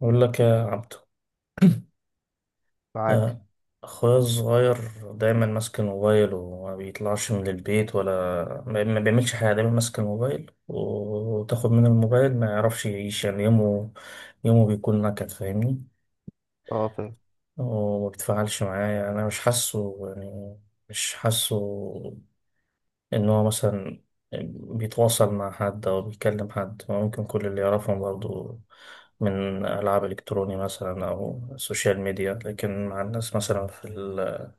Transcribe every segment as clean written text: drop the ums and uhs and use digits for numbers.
بقول لك يا عبدو. معاك. آه. أخويا الصغير دايما ماسك الموبايل وما بيطلعش من البيت، ولا ما بيعملش حاجة، دايما ماسك الموبايل. و- وتاخد منه الموبايل ما يعرفش يعيش، يعني يومه بيكون نكد. فاهمني؟ اه فاهم. هو ما بيتفاعلش معايا انا، مش حاسه يعني مش حاسه ان هو مثلا بيتواصل مع حد او بيكلم حد. هو ممكن كل اللي يعرفهم برضو من العاب الكتروني مثلا او سوشيال ميديا، لكن مع الناس مثلا في ال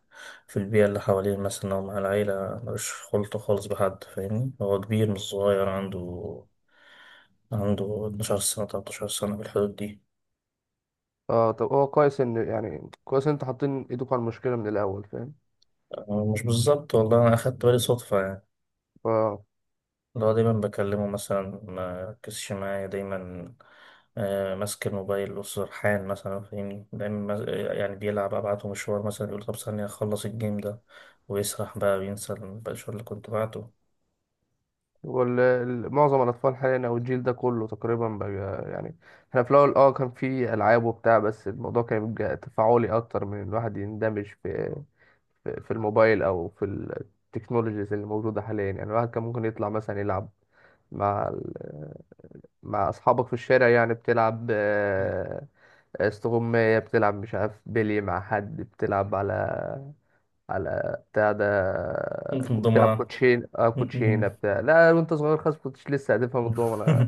في البيئة اللي حواليه مثلا، أو مع العيلة، ملوش خلطة خالص بحد. فاهمني؟ هو كبير مش صغير، عنده 12 سنة، 13 سنة، في الحدود دي. اه، طب هو كويس ان انتوا حاطين ايدكم على المشكله من الاول، فاهم؟ أنا مش بالظبط والله، أنا أخدت بالي صدفة يعني. ف اللي هو دايما بكلمه مثلا ما ركزش معايا، دايما ماسك الموبايل وسرحان مثلا، فاهمني؟ دايما يعني بيلعب، ابعته مشوار مثلا، يقول طب ثانية اخلص الجيم ده، ويسرح بقى وينسى المشوار اللي كنت بعته هو معظم الاطفال حاليا او الجيل ده كله تقريبا بقى. يعني احنا في الاول كان في العاب وبتاع، بس الموضوع كان بيبقى تفاعلي اكتر من الواحد يندمج في في الموبايل او في التكنولوجيز اللي موجوده حاليا. يعني الواحد كان ممكن يطلع مثلا يلعب مع ال- مع اصحابك في الشارع، يعني بتلعب استغماية، بتلعب مش عارف بيلي، مع حد بتلعب على بتاع ده، بتلعب ضمنا. كوتشين، اه كوتشينة بتاع، لا وانت صغير خالص كنتش لسه هتفهم الدومنة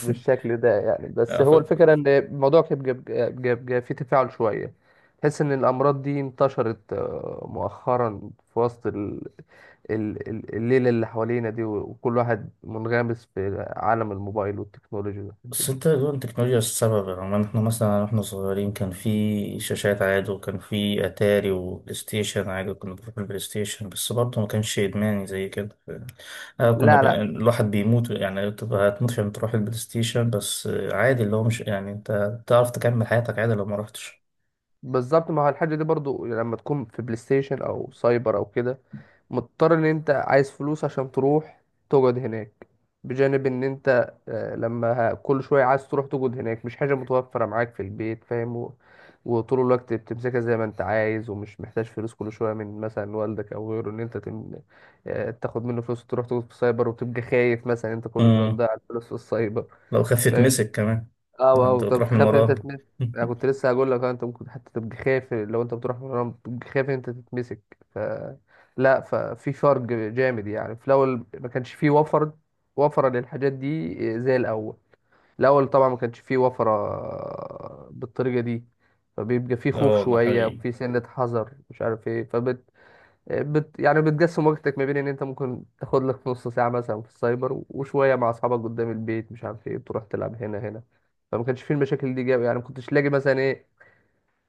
بالشكل ده يعني. بس هو الفكرة ان الموضوع كان بيبقى فيه تفاعل شوية. تحس ان الامراض دي انتشرت مؤخرا في وسط الليلة اللي حوالينا دي، وكل واحد منغمس في عالم الموبايل والتكنولوجيا والحاجات بس دي. انت، هو التكنولوجيا السبب؟ يعني احنا مثلا واحنا صغيرين كان في شاشات عادي، وكان في اتاري وبلاي ستيشن عادي، كنا بنروح البلاي ستيشن، بس برضه ما كانش ادماني زي كده. آه، كنا لا لا، الواحد بيموت يعني، تبقى هتموت عشان تروح البلاي ستيشن، بس عادي، اللي هو مش، يعني انت تعرف تكمل حياتك عادي لو ما رحتش. بالظبط، ما هو الحاجة دي برضو لما تكون في بلاي ستيشن او سايبر او كده، مضطر ان انت عايز فلوس عشان تروح تقعد هناك. بجانب ان انت كل شوية عايز تروح تقعد هناك، مش حاجة متوفرة معاك في البيت، فاهم. وطول الوقت بتمسكها زي ما انت عايز، ومش محتاج فلوس كل شوية من مثلا والدك او غيره ان انت تم... آه، تاخد منه فلوس وتروح تقعد في السايبر، وتبقى خايف مثلا انت كل شوية امم. تضيع الفلوس في السايبر. لو خفت مسك كمان. اه. انت اه طب بتروح من تخاف ان انت وراه. تتمسك. انا كنت لسه هقول لك، انت ممكن حتى تبقى خايف لو انت بتروح مرة، بتبقى خايف ان انت تتمسك. ف لا، ففي فرق جامد يعني، في الاول ما كانش فيه وفرة للحاجات دي زي الاول. الاول طبعا ما كانش فيه وفرة بالطريقة دي، فبيبقى فيه خوف اه، ده شوية، حقيقي. وفيه سنة حذر، مش عارف ايه. يعني بتقسم وقتك ما بين ان انت ممكن تاخد لك نص ساعه مثلا في السايبر، وشويه مع اصحابك قدام البيت، مش عارف ايه، تروح تلعب هنا هنا. فما كانش فيه المشاكل دي جاب يعني، ما كنتش لاقي مثلا ايه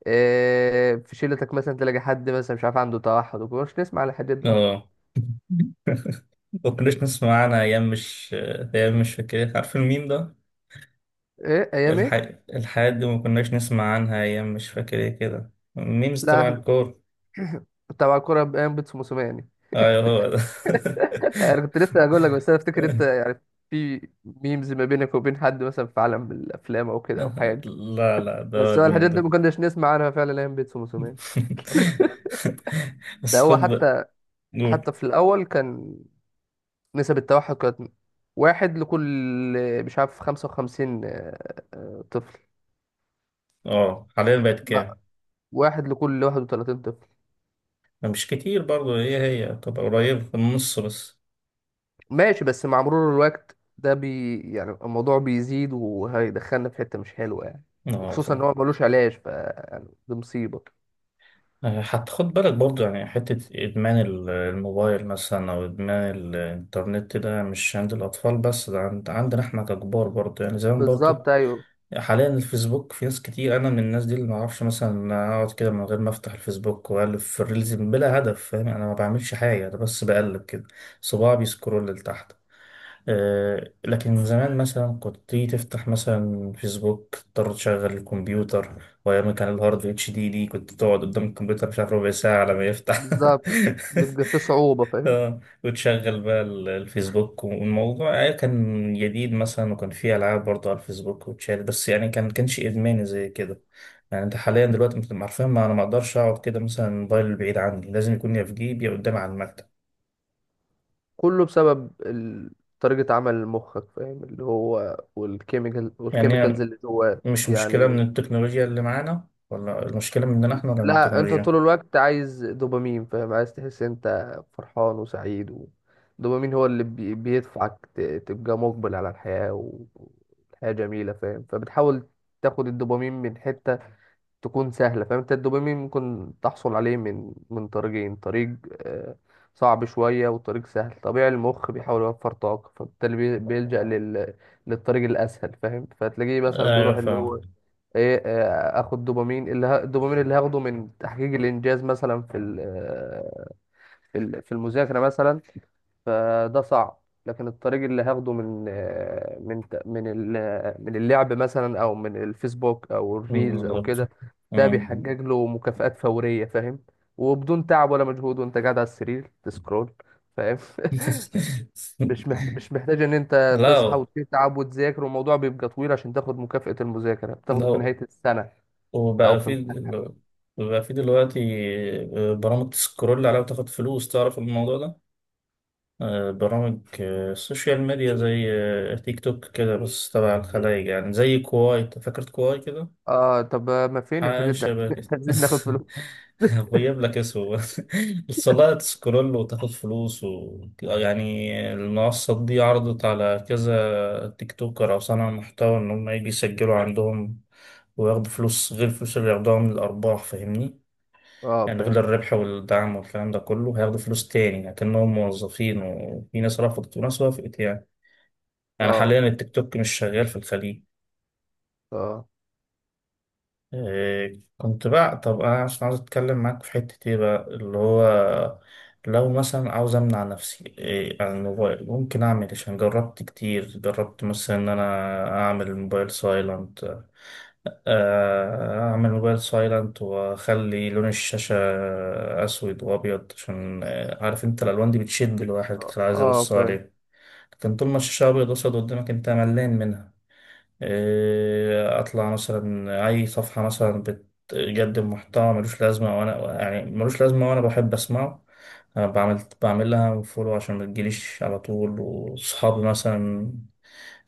في شيلتك مثلا تلاقي حد مثلا مش عارف عنده توحد وكده، مش نسمع على الحاجات دي اصلا. اه، ما كناش نسمع عنها ايام مش فاكر إيه. عارف الميم ده؟ ايه ايام الح... ايه. الحاجات دي ما كناش نسمع عنها ايام مش فاكر ايه كده، الميمز لا تبع احنا الكور. كنت على كوره بايام بيتسو موسوماني. ايوه، هو ده. انا كنت لسه هقول لك، بس انا افتكر انت يعني في ميمز ما بينك وبين حد مثلا في عالم الافلام او كده او حاجه. لا، لا، ده هو بس هو الميم الحاجات دي ده. ما كناش نسمع عنها فعلا ايام بيتسو موسوماني. ده بس هو خد بقى. حتى. قول. حتى في الأول كان نسب التوحد كانت واحد لكل مش عارف 55 طفل. اه، حاليا بقت لا، كام؟ واحد لكل 31 طفل. مش كتير برضه، هي تبقى قريبة في النص بس. ماشي، بس مع مرور الوقت ده يعني الموضوع بيزيد وهيدخلنا في حتة مش حلوة يعني. اه، وخصوصا إن هو ملوش علاج، يعني دي مصيبة. حتى خد بالك برضه، يعني حتة إدمان الموبايل مثلا أو إدمان الإنترنت، ده مش عند الأطفال بس، ده عندنا إحنا ككبار برضه، يعني زمان برضه. بالظبط أيوه. حاليا الفيسبوك في ناس كتير، أنا من الناس دي، اللي معرفش مثلا أقعد كده من غير ما أفتح الفيسبوك وأقلب في الريلز بلا هدف. فاهم؟ يعني أنا ما بعملش حاجة، أنا بس بقلب كده، صباعي بيسكرول لتحت. لكن زمان مثلا كنت تيجي تفتح مثلا فيسبوك، تضطر تشغل الكمبيوتر، وأيام كان الهارد اتش دي دي كنت تقعد قدام الكمبيوتر مش عارف ربع ساعة على ما يفتح. بالظبط، بيبقى في صعوبة، فاهم. وتشغل بقى الفيسبوك، والموضوع كان جديد مثلا، وكان فيه ألعاب برضه على الفيسبوك وتشال، بس يعني كانش إدماني زي كده. يعني أنت حاليا دلوقتي أنت عارفين، ما أنا ما أقدرش أقعد كده مثلا الموبايل بعيد عني، لازم يكون يا في جيبي يا قدامي على المكتب. كله بسبب طريقة عمل مخك، فاهم، اللي هو والكيميكالز يعني اللي جواه. مش مشكلة من يعني التكنولوجيا اللي معانا، ولا المشكلة مننا احنا ولا من لا، انت طول التكنولوجيا؟ الوقت عايز دوبامين، فاهم، عايز تحس انت فرحان وسعيد، والدوبامين هو اللي بيدفعك تبقى مقبل على الحياة، والحياة جميلة، فاهم. فبتحاول تاخد الدوبامين من حتة تكون سهلة، فاهم. انت الدوبامين ممكن تحصل عليه من طريقين، طريق آه، صعب شوية، وطريق سهل. طبيعي المخ بيحاول يوفر طاقة، فبالتالي بيلجأ للطريق الأسهل، فاهم. فتلاقيه مثلا أيوة، بيروح اللي فاهم. هو ايه، اخد دوبامين، اللي الدوبامين اللي هاخده من تحقيق الانجاز مثلا في ال... آه، في ال... في المذاكره مثلا، فده صعب. لكن الطريق اللي هاخده من آه، من ت- من ال... آه، من اللعب مثلا، او من الفيسبوك، او مم، الريلز، او بالظبط. كده، ده مم. بيحقق له مكافآت فوريه، فاهم. وبدون تعب ولا مجهود، وانت قاعد على السرير تسكرول، فاهم. مش محتاج ان انت تصحى لا، وتتعب وتذاكر، والموضوع بيبقى طويل عشان تاخد مكافأة المذاكره بتاخده في لا. نهايه السنه او وبقى في. في دل- بقى في دلوقتي برامج تسكرول عليها وتاخد فلوس، تعرف الموضوع ده؟ برامج السوشيال ميديا زي تيك توك كده، بس تبع الخلايج، يعني زي كواي، أنت فاكر كواي كده؟ اه طب ما فين حاجة الحدود ده، شبه كده. عايزين ناخد فلوس. غيب لك اسمه. الصلاة تسكرول وتاخد فلوس و... يعني المنصات دي عرضت على كذا تيك توكر أو صانع محتوى إن هم يجي يسجلوا عندهم وياخدوا فلوس غير الفلوس اللي ياخدوها من الأرباح. فاهمني؟ اه يعني غير فاهم. الربح والدعم والكلام ده كله، هياخدوا فلوس تاني لكنهم موظفين، وفي ناس رفضت وناس وافقت يعني. يعني حاليا اه فاهم. التيك توك مش شغال في الخليج. اه. إيه كنت بقى، طب انا عشان عاوز اتكلم معاك في حتة ايه بقى اللي هو، لو مثلا عاوز امنع نفسي إيه عن الموبايل، ممكن اعمل إيه؟ عشان جربت كتير، جربت مثلا ان انا اعمل الموبايل سايلنت، اعمل موبايل سايلنت واخلي لون الشاشة اسود وابيض عشان عارف انت الالوان دي بتشد الواحد كتير عايز اه يبص فاهم. عليه، لكن طول ما الشاشة ابيض واسود قدامك انت ملان منها. إيه، اطلع مثلا اي صفحه مثلا بتقدم محتوى ملوش لازمه وانا، يعني ملوش لازمه وانا بحب اسمعه، أنا بعمل لها فولو عشان ما تجيليش على طول. وصحابي مثلا،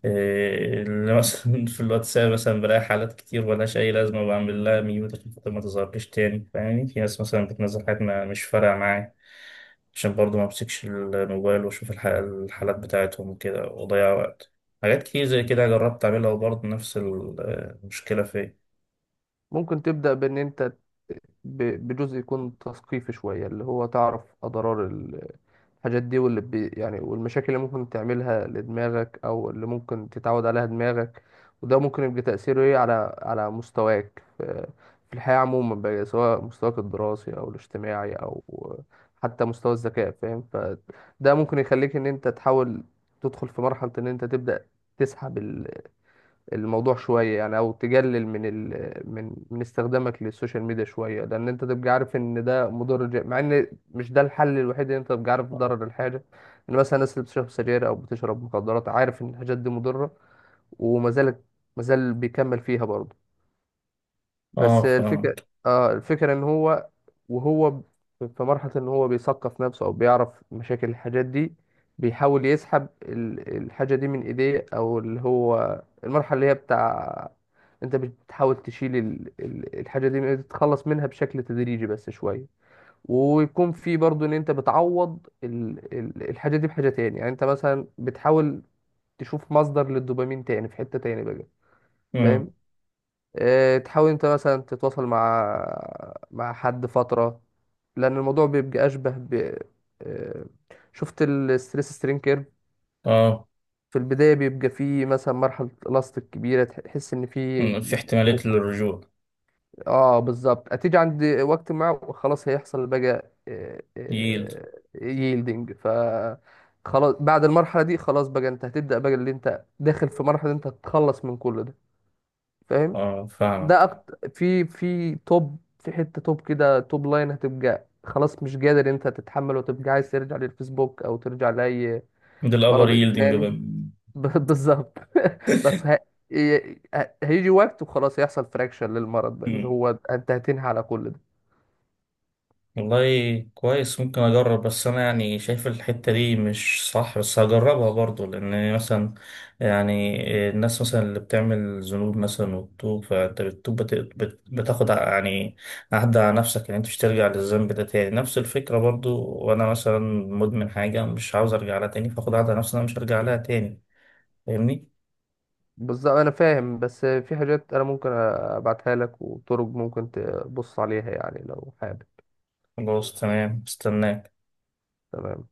إيه، اللي مثلا في الواتساب مثلا، بلاقي حالات كتير ملهاش أي لازمة، بعمل لها ميوت عشان خاطر ما تظهرليش تاني. فاهمني؟ في ناس مثلا بتنزل حاجات ما مش فارقة معايا عشان برضه ما امسكش الموبايل واشوف الحالات بتاعتهم وكده واضيع وقت. حاجات كتير زي كده جربت اعملها وبرضه نفس المشكلة فيا. ممكن تبدأ بان انت بجزء يكون تثقيفي شوية، اللي هو تعرف أضرار الحاجات دي، واللي يعني والمشاكل اللي ممكن تعملها لدماغك، او اللي ممكن تتعود عليها دماغك. وده ممكن يبقى تأثيره ايه على مستواك في الحياة عموما بقى، سواء مستواك الدراسي، او الاجتماعي، او حتى مستوى الذكاء، فاهم. فده ممكن يخليك ان انت تحاول تدخل في مرحلة ان انت تبدأ تسحب الموضوع شوية، يعني أو تقلل من ال... من من استخدامك للسوشيال ميديا شوية، لأن أنت تبقى عارف إن ده مضر، مع إن مش ده الحل الوحيد، إن أنت تبقى عارف ضرر الحاجة. إن مثلا الناس اللي بتشرب سجاير أو بتشرب مخدرات، عارف إن الحاجات دي مضرة، وما زالت ما زال بيكمل فيها برضه. اه، بس الفكرة. فهمت. اه الفكرة ان هو وهو ب- في مرحلة ان هو بيثقف نفسه او بيعرف مشاكل الحاجات دي، بيحاول يسحب الحاجة دي من ايديه، او اللي هو المرحلة اللي هي بتاع، انت بتحاول تشيل الحاجة دي تتخلص منها بشكل تدريجي بس شوية. ويكون في برضو ان انت بتعوض الحاجة دي بحاجة تاني، يعني انت مثلا بتحاول تشوف مصدر للدوبامين تاني في حتة تاني بقى، مم. فاهم. إيه، تحاول انت مثلا تتواصل مع حد فترة، لأن الموضوع بيبقى أشبه ب إيه، شفت الستريس سترين كيرف. اه. في البداية بيبقى فيه مثلا مرحلة إلاستيك كبيرة، تحس إن فيه مم. في احتمالية للرجوع. آه بالظبط، هتيجي عند وقت ما وخلاص هيحصل بقى ييلد. ييلدنج. خلاص بعد المرحلة دي خلاص بقى أنت هتبدأ بقى اللي أنت داخل في مرحلة أنت هتتخلص من كل ده، فاهم. اه، ده فاهمك. أكتر في توب كده، توب لاين، هتبقى خلاص مش قادر انت تتحمل، وتبقى عايز ترجع للفيسبوك او ترجع لأي ده الابر مرض ييلدنج بقى. إدماني. بالظبط. بس هيجي وقت وخلاص يحصل فراكشن للمرض ده، اللي هو انت هتنهي على كل ده. والله كويس، ممكن اجرب، بس انا يعني شايف الحتة دي مش صح، بس هجربها برضو. لان مثلا يعني الناس مثلا اللي بتعمل ذنوب مثلا وبتوب، فانت بتتوب يعني عهد على نفسك ان انت مش ترجع للذنب ده تاني. نفس الفكرة برضو، وانا مثلا مدمن حاجة مش عاوز ارجع لها تاني، فاخد عهد على نفسي إن انا مش هرجع لها تاني. فاهمني؟ بالظبط انا فاهم، بس في حاجات انا ممكن ابعتها لك، وطرق ممكن تبص عليها، يعني لو حابب. خلاص تمام، استناك. تمام.